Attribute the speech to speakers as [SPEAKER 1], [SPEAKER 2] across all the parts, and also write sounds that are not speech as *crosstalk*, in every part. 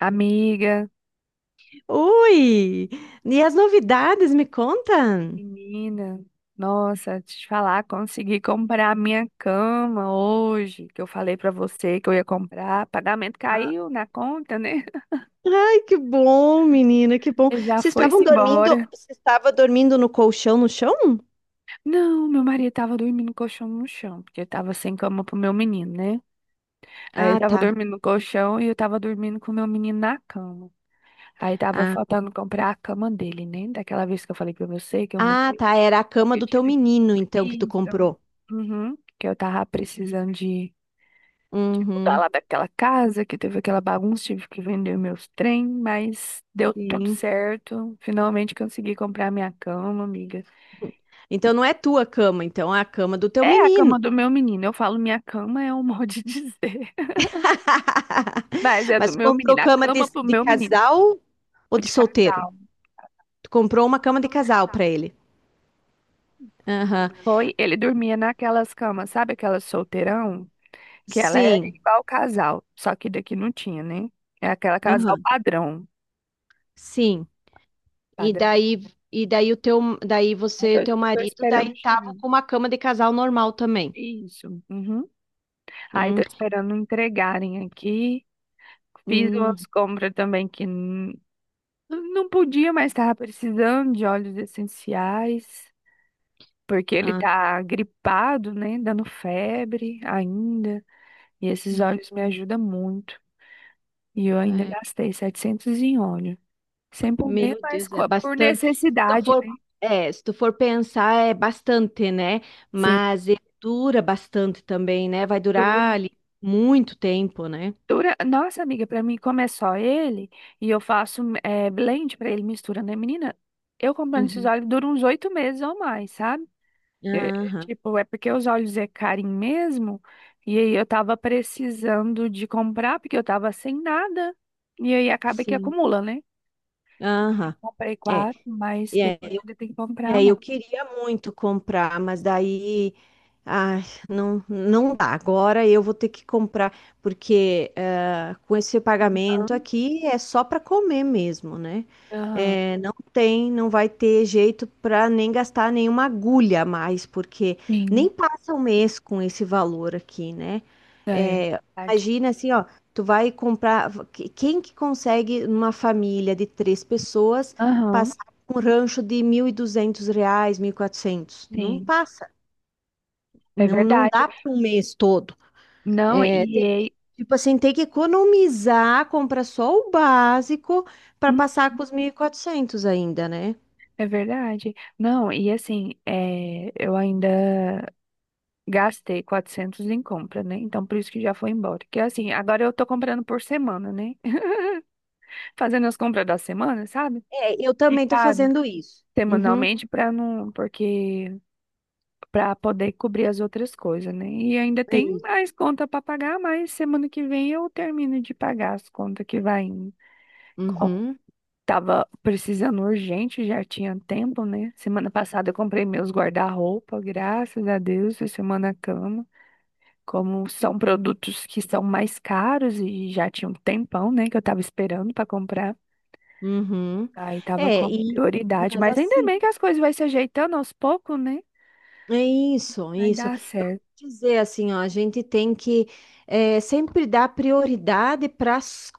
[SPEAKER 1] Amiga,
[SPEAKER 2] Ui! E as novidades, me conta?
[SPEAKER 1] menina, nossa, te falar, consegui comprar a minha cama hoje, que eu falei pra você que eu ia comprar. Pagamento
[SPEAKER 2] Ah.
[SPEAKER 1] caiu na conta, né? *laughs*
[SPEAKER 2] Ai, que bom, menina, que bom.
[SPEAKER 1] Ele já foi-se embora.
[SPEAKER 2] Você estava dormindo no colchão no chão?
[SPEAKER 1] Não, meu marido tava dormindo no colchão no chão, porque eu tava sem cama pro meu menino, né? Aí ele
[SPEAKER 2] Ah,
[SPEAKER 1] tava
[SPEAKER 2] tá.
[SPEAKER 1] dormindo no colchão e eu tava dormindo com o meu menino na cama. Aí tava
[SPEAKER 2] Ah,
[SPEAKER 1] faltando comprar a cama dele, né? Daquela vez que eu falei pra você que eu
[SPEAKER 2] ah,
[SPEAKER 1] mudei.
[SPEAKER 2] tá, era a cama
[SPEAKER 1] Eu
[SPEAKER 2] do teu
[SPEAKER 1] tive
[SPEAKER 2] menino, então, que tu
[SPEAKER 1] Isso.
[SPEAKER 2] comprou.
[SPEAKER 1] Uhum, que eu tava precisando de mudar
[SPEAKER 2] Uhum,
[SPEAKER 1] lá daquela casa, que teve aquela bagunça, tive que vender meus trem, mas deu tudo
[SPEAKER 2] sim.
[SPEAKER 1] certo. Finalmente consegui comprar minha cama, amiga.
[SPEAKER 2] Então não é tua cama, então é a cama do teu
[SPEAKER 1] É a cama
[SPEAKER 2] menino.
[SPEAKER 1] do meu menino. Eu falo minha cama é um *laughs* modo de dizer, *laughs* mas
[SPEAKER 2] *laughs*
[SPEAKER 1] é do
[SPEAKER 2] Mas tu
[SPEAKER 1] meu
[SPEAKER 2] comprou
[SPEAKER 1] menino. A
[SPEAKER 2] cama de,
[SPEAKER 1] cama pro
[SPEAKER 2] de
[SPEAKER 1] meu menino.
[SPEAKER 2] casal ou
[SPEAKER 1] Foi
[SPEAKER 2] de
[SPEAKER 1] de
[SPEAKER 2] solteiro?
[SPEAKER 1] casal.
[SPEAKER 2] Tu comprou uma
[SPEAKER 1] Uma
[SPEAKER 2] cama de
[SPEAKER 1] cama de
[SPEAKER 2] casal
[SPEAKER 1] casal.
[SPEAKER 2] para ele.
[SPEAKER 1] Uhum.
[SPEAKER 2] Aham.
[SPEAKER 1] Foi, ele dormia naquelas camas, sabe aquelas solteirão? Que ela é
[SPEAKER 2] Sim.
[SPEAKER 1] igual casal, só que daqui não tinha, né? É aquela casal
[SPEAKER 2] Aham.
[SPEAKER 1] padrão.
[SPEAKER 2] Sim. E
[SPEAKER 1] Padrão.
[SPEAKER 2] daí, e daí, o teu, daí
[SPEAKER 1] Eu tô,
[SPEAKER 2] você, teu
[SPEAKER 1] eu tô
[SPEAKER 2] marido,
[SPEAKER 1] esperando
[SPEAKER 2] daí tava
[SPEAKER 1] chegar.
[SPEAKER 2] com uma cama de casal normal também.
[SPEAKER 1] Isso. Uhum. Ai, tô
[SPEAKER 2] Hum,
[SPEAKER 1] esperando entregarem aqui. Fiz umas
[SPEAKER 2] hum.
[SPEAKER 1] compras também que não podia, mas tava precisando de óleos essenciais, porque ele
[SPEAKER 2] Ah,
[SPEAKER 1] tá gripado, né? Dando febre ainda. E esses
[SPEAKER 2] ah.
[SPEAKER 1] óleos me ajudam muito. E eu ainda
[SPEAKER 2] É.
[SPEAKER 1] gastei 700 em óleo. Sem poder,
[SPEAKER 2] Meu
[SPEAKER 1] mas
[SPEAKER 2] Deus, é
[SPEAKER 1] por
[SPEAKER 2] bastante. Se tu
[SPEAKER 1] necessidade,
[SPEAKER 2] for,
[SPEAKER 1] né?
[SPEAKER 2] se tu for pensar, é bastante, né?
[SPEAKER 1] Sim.
[SPEAKER 2] Mas ele dura bastante também, né? Vai durar ali muito tempo, né?
[SPEAKER 1] Dura. Nossa, amiga, pra mim, como é só ele, e eu faço blend pra ele, mistura, né, menina? Eu comprando esses
[SPEAKER 2] Uhum.
[SPEAKER 1] óleos dura uns 8 meses ou mais, sabe? É,
[SPEAKER 2] Aham,
[SPEAKER 1] tipo, é porque os óleos é carinho mesmo, e aí eu tava precisando de comprar, porque eu tava sem nada, e aí acaba que
[SPEAKER 2] sim.
[SPEAKER 1] acumula, né?
[SPEAKER 2] Aham.
[SPEAKER 1] Comprei
[SPEAKER 2] É,
[SPEAKER 1] quatro, mas
[SPEAKER 2] e é,
[SPEAKER 1] depois
[SPEAKER 2] eu,
[SPEAKER 1] ainda tem que comprar
[SPEAKER 2] eu
[SPEAKER 1] mais.
[SPEAKER 2] queria muito comprar, mas daí Ai, não, não dá. Agora eu vou ter que comprar, porque com esse pagamento
[SPEAKER 1] Aham,
[SPEAKER 2] aqui é só para comer mesmo, né? Não vai ter jeito para nem gastar nenhuma agulha a mais, porque
[SPEAKER 1] sim,
[SPEAKER 2] nem passa um mês com esse valor aqui, né?
[SPEAKER 1] é
[SPEAKER 2] Eh,
[SPEAKER 1] verdade.
[SPEAKER 2] imagina assim, ó, tu vai comprar. Quem que consegue, numa família de três pessoas,
[SPEAKER 1] Aham,
[SPEAKER 2] passar um rancho de R$ 1.200, 1.400? Não
[SPEAKER 1] sim,
[SPEAKER 2] passa.
[SPEAKER 1] é
[SPEAKER 2] Não, não
[SPEAKER 1] verdade.
[SPEAKER 2] dá para um mês todo.
[SPEAKER 1] Não,
[SPEAKER 2] É,
[SPEAKER 1] e aí.
[SPEAKER 2] tipo assim, tem que economizar, comprar só o básico para passar com os 1.400 ainda, né?
[SPEAKER 1] É verdade. Não, e assim, é, eu ainda gastei 400 em compra, né? Então, por isso que já foi embora. Que assim, agora eu tô comprando por semana, né? *laughs* Fazendo as compras da semana, sabe?
[SPEAKER 2] É, eu também tô
[SPEAKER 1] Picado
[SPEAKER 2] fazendo isso. Uhum,
[SPEAKER 1] semanalmente para não, porque para poder cobrir as outras coisas, né? E ainda
[SPEAKER 2] é
[SPEAKER 1] tem
[SPEAKER 2] isso.
[SPEAKER 1] mais conta para pagar, mas semana que vem eu termino de pagar as contas que vai indo.
[SPEAKER 2] Uhum,
[SPEAKER 1] Tava precisando urgente, já tinha tempo, né? Semana passada eu comprei meus guarda-roupa, graças a Deus, e semana cama. Como são produtos que são mais caros e já tinha um tempão, né, que eu tava esperando para comprar.
[SPEAKER 2] uhum.
[SPEAKER 1] Aí tava
[SPEAKER 2] É,
[SPEAKER 1] com
[SPEAKER 2] e,
[SPEAKER 1] prioridade,
[SPEAKER 2] mas
[SPEAKER 1] mas ainda
[SPEAKER 2] assim,
[SPEAKER 1] bem que as coisas vai se ajeitando aos poucos, né?
[SPEAKER 2] é isso, é
[SPEAKER 1] Vai
[SPEAKER 2] isso.
[SPEAKER 1] dar
[SPEAKER 2] Eu vou
[SPEAKER 1] certo.
[SPEAKER 2] dizer assim, ó, a gente tem que sempre dar prioridade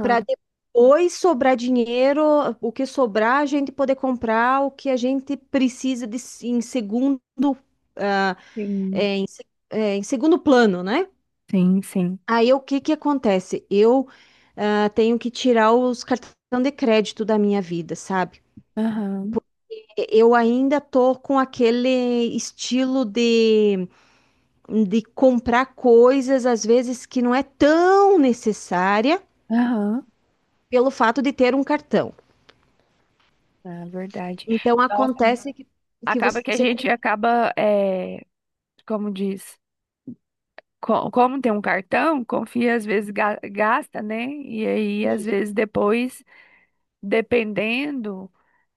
[SPEAKER 2] para depois sobrar dinheiro, o que sobrar, a gente poder comprar o que a gente precisa de, em segundo, ah,
[SPEAKER 1] sim,
[SPEAKER 2] em segundo plano, né?
[SPEAKER 1] sim, sim.
[SPEAKER 2] Aí o que que acontece? Eu tenho que tirar os cartões de crédito da minha vida, sabe?
[SPEAKER 1] Aham,
[SPEAKER 2] Eu ainda tô com aquele estilo de comprar coisas, às vezes, que não é tão necessária
[SPEAKER 1] aham,
[SPEAKER 2] pelo fato de ter um cartão.
[SPEAKER 1] é verdade.
[SPEAKER 2] Então
[SPEAKER 1] Nossa,
[SPEAKER 2] acontece que
[SPEAKER 1] acaba que a
[SPEAKER 2] você
[SPEAKER 1] gente
[SPEAKER 2] com-
[SPEAKER 1] acaba, é, como diz. Como tem um cartão, confia, às vezes gasta, né? E aí, às
[SPEAKER 2] Isso.
[SPEAKER 1] vezes, depois, dependendo,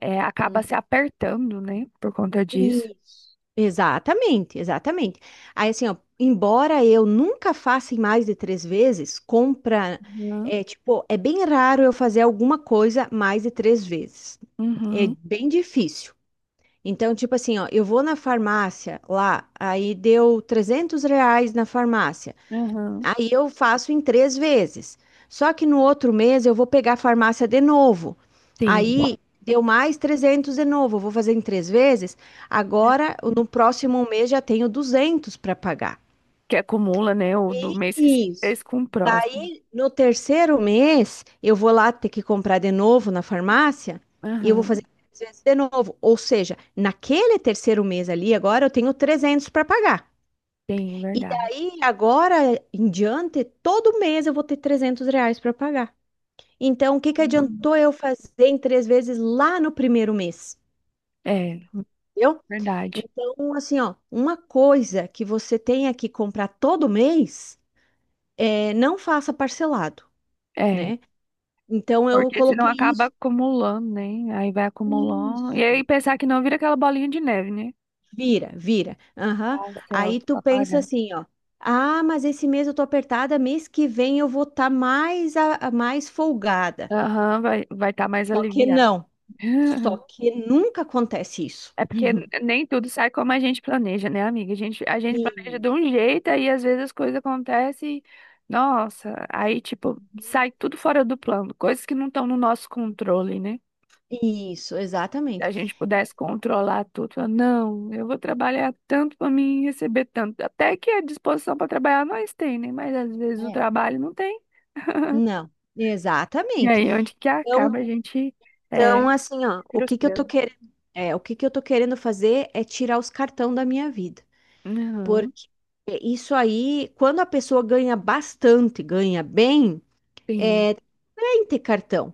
[SPEAKER 1] é, acaba
[SPEAKER 2] Hum.
[SPEAKER 1] se apertando, né? Por conta disso.
[SPEAKER 2] Isso. Exatamente, exatamente. Aí, assim, ó, embora eu nunca faça em mais de três vezes, compra,
[SPEAKER 1] Uhum.
[SPEAKER 2] é, tipo, é bem raro eu fazer alguma coisa mais de três vezes. É
[SPEAKER 1] Uhum.
[SPEAKER 2] bem difícil. Então, tipo assim, ó, eu vou na farmácia lá, aí deu R$ 300 na farmácia.
[SPEAKER 1] Uhum.
[SPEAKER 2] Aí eu faço em três vezes. Só que no outro mês eu vou pegar a farmácia de novo.
[SPEAKER 1] Sim.
[SPEAKER 2] Aí deu mais 300 de novo. Eu vou fazer em três vezes. Agora, no próximo mês, já tenho 200 para pagar.
[SPEAKER 1] Que acumula, né? O do mês que você
[SPEAKER 2] Isso.
[SPEAKER 1] fez com o próximo.
[SPEAKER 2] Aí, no terceiro mês, eu vou lá ter que comprar de novo na farmácia e eu vou fazer
[SPEAKER 1] Aham.
[SPEAKER 2] três vezes de novo. Ou seja, naquele terceiro mês ali, agora eu tenho 300 para pagar.
[SPEAKER 1] Sim,
[SPEAKER 2] E
[SPEAKER 1] verdade.
[SPEAKER 2] daí, agora em diante, todo mês eu vou ter R$ 300 para pagar. Então, o que que
[SPEAKER 1] Uhum.
[SPEAKER 2] adiantou eu fazer em três vezes lá no primeiro mês?
[SPEAKER 1] É,
[SPEAKER 2] Entendeu?
[SPEAKER 1] verdade.
[SPEAKER 2] Então, assim, ó, uma coisa que você tenha que comprar todo mês, não faça parcelado,
[SPEAKER 1] É.
[SPEAKER 2] né? Então, eu
[SPEAKER 1] Porque senão
[SPEAKER 2] coloquei
[SPEAKER 1] acaba
[SPEAKER 2] isso.
[SPEAKER 1] acumulando, né? Aí vai acumulando. E aí
[SPEAKER 2] Isso.
[SPEAKER 1] pensar que não vira aquela bolinha de neve, né?
[SPEAKER 2] Vira, vira. Aham.
[SPEAKER 1] Parcelas
[SPEAKER 2] Aí tu
[SPEAKER 1] pra
[SPEAKER 2] pensa
[SPEAKER 1] pagar.
[SPEAKER 2] assim, ó. Ah, mas esse mês eu tô apertada, mês que vem eu vou estar mais, mais folgada.
[SPEAKER 1] Aham, vai estar mais
[SPEAKER 2] Só que
[SPEAKER 1] aliviado.
[SPEAKER 2] não. Só
[SPEAKER 1] *laughs*
[SPEAKER 2] que nunca acontece isso.
[SPEAKER 1] É porque
[SPEAKER 2] *laughs*
[SPEAKER 1] nem tudo sai como a gente planeja, né, amiga? A gente planeja
[SPEAKER 2] E-
[SPEAKER 1] de um jeito, aí às vezes as coisas acontecem, e, nossa, aí tipo, sai tudo fora do plano, coisas que não estão no nosso controle, né?
[SPEAKER 2] Isso,
[SPEAKER 1] Se
[SPEAKER 2] exatamente.
[SPEAKER 1] a gente pudesse controlar tudo, falar, não, eu vou trabalhar tanto para mim receber tanto. Até que a disposição para trabalhar nós tem, né? Mas às vezes o
[SPEAKER 2] É.
[SPEAKER 1] trabalho não tem.
[SPEAKER 2] Não,
[SPEAKER 1] E
[SPEAKER 2] exatamente.
[SPEAKER 1] aí onde que acaba
[SPEAKER 2] Então,
[SPEAKER 1] a gente é,
[SPEAKER 2] assim, ó,
[SPEAKER 1] frustrando.
[SPEAKER 2] o que que eu tô querendo fazer é tirar os cartão da minha vida.
[SPEAKER 1] Aham,
[SPEAKER 2] Porque isso aí, quando a pessoa ganha bastante, ganha bem,
[SPEAKER 1] sim,
[SPEAKER 2] é bem ter cartão.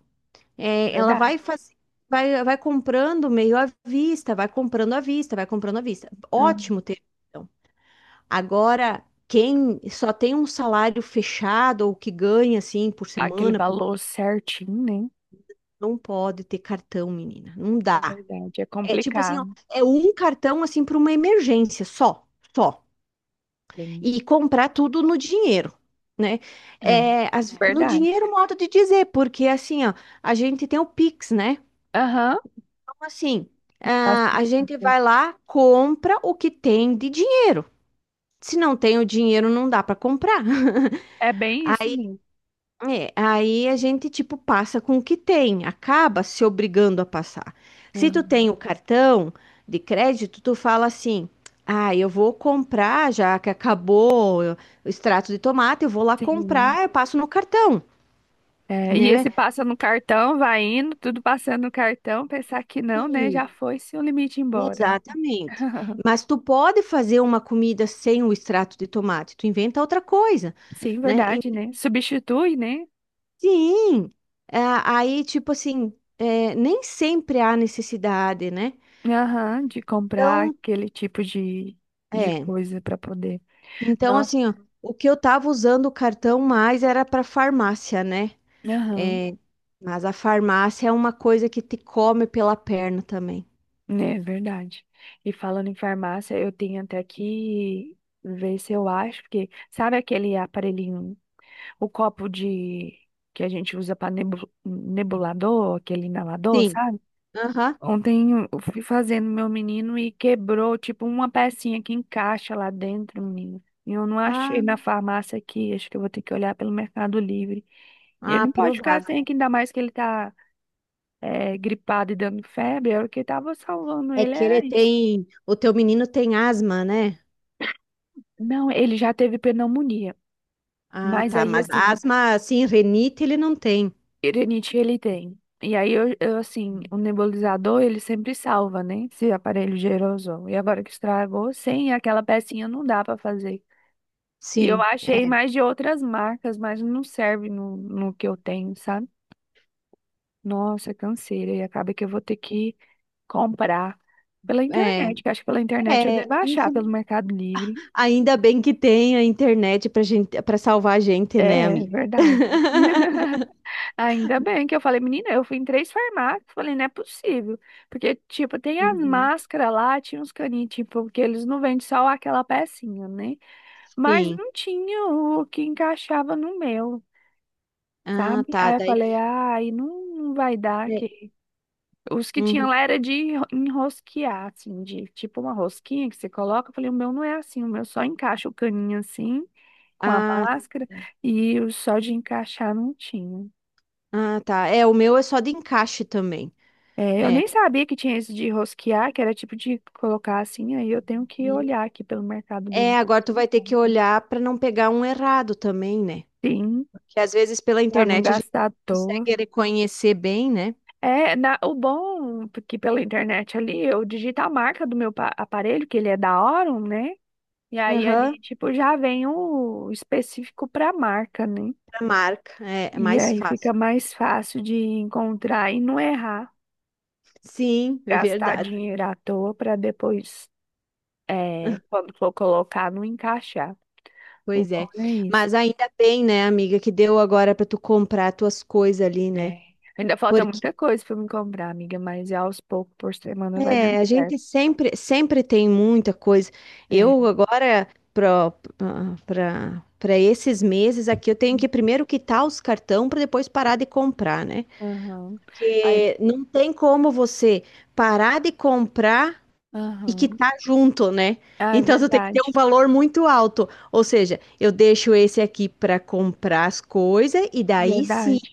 [SPEAKER 2] É, ela
[SPEAKER 1] verdade.
[SPEAKER 2] vai comprando meio à vista, vai comprando à vista, vai comprando à vista.
[SPEAKER 1] Ah,
[SPEAKER 2] Ótimo ter cartão. Agora, quem só tem um salário fechado ou que ganha assim por
[SPEAKER 1] aquele
[SPEAKER 2] semana,
[SPEAKER 1] valor certinho, né?
[SPEAKER 2] não pode ter cartão, menina. Não
[SPEAKER 1] É
[SPEAKER 2] dá.
[SPEAKER 1] verdade, é
[SPEAKER 2] É tipo assim, ó,
[SPEAKER 1] complicado.
[SPEAKER 2] é um cartão assim para uma emergência só, só.
[SPEAKER 1] Sim.
[SPEAKER 2] E comprar tudo no dinheiro. Né?
[SPEAKER 1] É,
[SPEAKER 2] É, no
[SPEAKER 1] verdade.
[SPEAKER 2] dinheiro, modo de dizer, porque assim, ó, a gente tem o Pix, né?
[SPEAKER 1] Aham.
[SPEAKER 2] Então, assim, ah, a gente
[SPEAKER 1] Facilita.
[SPEAKER 2] vai lá, compra o que tem de dinheiro. Se não tem o dinheiro, não dá para comprar. *laughs*
[SPEAKER 1] É bem isso mesmo.
[SPEAKER 2] É, aí a gente, tipo, passa com o que tem, acaba se obrigando a passar. Se tu
[SPEAKER 1] Aham.
[SPEAKER 2] tem o cartão de crédito, tu fala assim: ah, eu vou comprar, já que acabou o extrato de tomate, eu vou lá
[SPEAKER 1] Sim.
[SPEAKER 2] comprar, eu passo no cartão,
[SPEAKER 1] É, e
[SPEAKER 2] né?
[SPEAKER 1] esse passa no cartão, vai indo, tudo passando no cartão, pensar que não, né?
[SPEAKER 2] E-
[SPEAKER 1] Já foi se o limite embora.
[SPEAKER 2] exatamente.
[SPEAKER 1] *laughs*
[SPEAKER 2] Mas tu pode fazer uma comida sem o extrato de tomate, tu inventa outra coisa,
[SPEAKER 1] Sim,
[SPEAKER 2] né?
[SPEAKER 1] verdade, né? Substitui, né?
[SPEAKER 2] Sim. É, aí, tipo assim, é, nem sempre há necessidade, né?
[SPEAKER 1] Aham, de comprar
[SPEAKER 2] Então,
[SPEAKER 1] aquele tipo de
[SPEAKER 2] é.
[SPEAKER 1] coisa para poder.
[SPEAKER 2] Então,
[SPEAKER 1] Nossa,
[SPEAKER 2] assim, ó, o que eu tava usando o cartão mais era para farmácia, né?
[SPEAKER 1] aham.
[SPEAKER 2] É, mas a farmácia é uma coisa que te come pela perna também.
[SPEAKER 1] É verdade. E falando em farmácia, eu tenho até que ver se eu acho, porque sabe aquele aparelhinho, o copo de que a gente usa para nebulador, aquele inalador,
[SPEAKER 2] Sim.
[SPEAKER 1] sabe?
[SPEAKER 2] Aham.
[SPEAKER 1] Ontem eu fui fazendo meu menino e quebrou, tipo, uma pecinha que encaixa lá dentro, menino. E eu não achei
[SPEAKER 2] Ah,
[SPEAKER 1] na farmácia aqui, acho que eu vou ter que olhar pelo Mercado Livre. E ele
[SPEAKER 2] ah,
[SPEAKER 1] não pode ficar
[SPEAKER 2] provável.
[SPEAKER 1] sem, que ainda mais que ele tá gripado e dando febre, era o que tava salvando
[SPEAKER 2] É
[SPEAKER 1] ele,
[SPEAKER 2] que ele
[SPEAKER 1] era isso.
[SPEAKER 2] tem. O teu menino tem asma, né?
[SPEAKER 1] Não, ele já teve pneumonia,
[SPEAKER 2] Ah,
[SPEAKER 1] mas
[SPEAKER 2] tá.
[SPEAKER 1] aí
[SPEAKER 2] Mas
[SPEAKER 1] assim,
[SPEAKER 2] asma, assim, renite, ele não tem.
[SPEAKER 1] rinite ele tem. E aí assim, o nebulizador ele sempre salva, né? Esse aparelho de aerosol. E agora que estragou, sem aquela pecinha não dá pra fazer. E eu
[SPEAKER 2] Sim.
[SPEAKER 1] achei mais de outras marcas, mas não serve no que eu tenho, sabe? Nossa, canseira. E acaba que eu vou ter que comprar pela
[SPEAKER 2] É,
[SPEAKER 1] internet, que acho que pela internet eu devo achar
[SPEAKER 2] enfim.
[SPEAKER 1] pelo Mercado Livre.
[SPEAKER 2] Ainda bem que tem a internet pra gente, para salvar a gente, né,
[SPEAKER 1] É
[SPEAKER 2] amiga?
[SPEAKER 1] verdade.
[SPEAKER 2] *laughs*
[SPEAKER 1] Ainda bem que eu falei, menina, eu fui em três farmácias, falei, não é possível. Porque, tipo, tem as
[SPEAKER 2] Uhum.
[SPEAKER 1] máscaras lá, tinha uns caninhos, tipo, porque eles não vendem só aquela pecinha, né? Mas
[SPEAKER 2] Sim.
[SPEAKER 1] não tinha o que encaixava no meu,
[SPEAKER 2] Ah,
[SPEAKER 1] sabe?
[SPEAKER 2] tá.
[SPEAKER 1] Aí eu
[SPEAKER 2] Daí.
[SPEAKER 1] falei, ai, não, não vai dar.
[SPEAKER 2] É,
[SPEAKER 1] Que. Os que tinha
[SPEAKER 2] uhum.
[SPEAKER 1] lá era de enrosquear, assim, de tipo uma rosquinha que você coloca. Eu falei, o meu não é assim, o meu só encaixa o caninho assim, com a
[SPEAKER 2] Ah,
[SPEAKER 1] máscara, e o só de encaixar não tinha.
[SPEAKER 2] ah, tá. É, o meu é só de encaixe também.
[SPEAKER 1] É, eu
[SPEAKER 2] É.
[SPEAKER 1] nem sabia que tinha isso de rosquear, que era tipo de colocar assim, aí eu tenho que
[SPEAKER 2] Hum.
[SPEAKER 1] olhar aqui pelo Mercado Livre.
[SPEAKER 2] É, agora tu vai ter que olhar para não pegar um errado também, né?
[SPEAKER 1] Sim,
[SPEAKER 2] Porque às vezes pela
[SPEAKER 1] pra não
[SPEAKER 2] internet a gente
[SPEAKER 1] gastar à toa.
[SPEAKER 2] consegue reconhecer bem, né?
[SPEAKER 1] É, o bom porque pela internet ali, eu digito a marca do meu aparelho, que ele é da Orum, né? E aí ali,
[SPEAKER 2] Aham,
[SPEAKER 1] tipo, já vem o específico pra marca, né?
[SPEAKER 2] pra marca. É, é
[SPEAKER 1] E
[SPEAKER 2] mais
[SPEAKER 1] aí fica
[SPEAKER 2] fácil.
[SPEAKER 1] mais fácil de encontrar e não errar,
[SPEAKER 2] Sim, é
[SPEAKER 1] gastar
[SPEAKER 2] verdade.
[SPEAKER 1] dinheiro à toa pra depois, é, quando for colocar, não encaixar. O
[SPEAKER 2] Pois
[SPEAKER 1] bom
[SPEAKER 2] é.
[SPEAKER 1] é isso.
[SPEAKER 2] Mas ainda bem, né, amiga, que deu agora para tu comprar tuas coisas ali, né?
[SPEAKER 1] É. Ainda falta
[SPEAKER 2] Porque
[SPEAKER 1] muita coisa pra eu me comprar, amiga, mas aos poucos por semana vai
[SPEAKER 2] É,
[SPEAKER 1] dando
[SPEAKER 2] a gente
[SPEAKER 1] certo.
[SPEAKER 2] sempre, sempre tem muita coisa.
[SPEAKER 1] É.
[SPEAKER 2] Eu agora, para para esses meses aqui, eu tenho que primeiro quitar os cartão para depois parar de comprar, né?
[SPEAKER 1] Aham. Aí-
[SPEAKER 2] Porque não tem como você parar de comprar e
[SPEAKER 1] aham.
[SPEAKER 2] quitar junto, né?
[SPEAKER 1] Ah, é
[SPEAKER 2] Então, você tem que ter um
[SPEAKER 1] verdade.
[SPEAKER 2] valor muito alto. Ou seja, eu deixo esse aqui para comprar as coisas e daí sim
[SPEAKER 1] Verdade.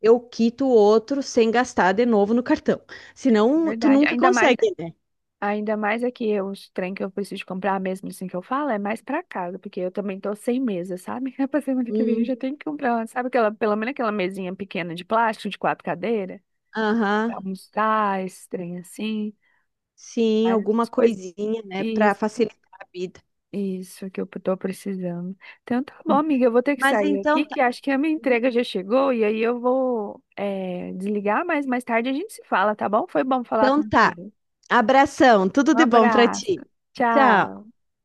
[SPEAKER 2] eu quito o outro sem gastar de novo no cartão. Senão, tu
[SPEAKER 1] Verdade.
[SPEAKER 2] nunca consegue, né?
[SPEAKER 1] Ainda mais é que os trem que eu preciso comprar mesmo, assim que eu falo, é mais pra casa, porque eu também tô sem mesa, sabe? *laughs* É pra semana que vem eu já tenho que comprar, uma, sabe aquela, pelo menos aquela mesinha pequena de plástico de quatro cadeiras, pra
[SPEAKER 2] Aham,
[SPEAKER 1] almoçar, esse trem assim,
[SPEAKER 2] sim,
[SPEAKER 1] mais
[SPEAKER 2] alguma
[SPEAKER 1] essas coisas.
[SPEAKER 2] coisinha, né, para
[SPEAKER 1] Isso.
[SPEAKER 2] facilitar a vida.
[SPEAKER 1] Isso que eu tô precisando. Então tá bom, amiga, eu vou ter que
[SPEAKER 2] Mas
[SPEAKER 1] sair aqui,
[SPEAKER 2] então
[SPEAKER 1] que
[SPEAKER 2] tá.
[SPEAKER 1] acho que a minha entrega já chegou, e aí eu vou desligar, mas mais tarde a gente se fala, tá bom? Foi bom falar
[SPEAKER 2] Então tá.
[SPEAKER 1] contigo.
[SPEAKER 2] Abração, tudo
[SPEAKER 1] Um
[SPEAKER 2] de bom para
[SPEAKER 1] abraço.
[SPEAKER 2] ti. Tchau.
[SPEAKER 1] Tchau.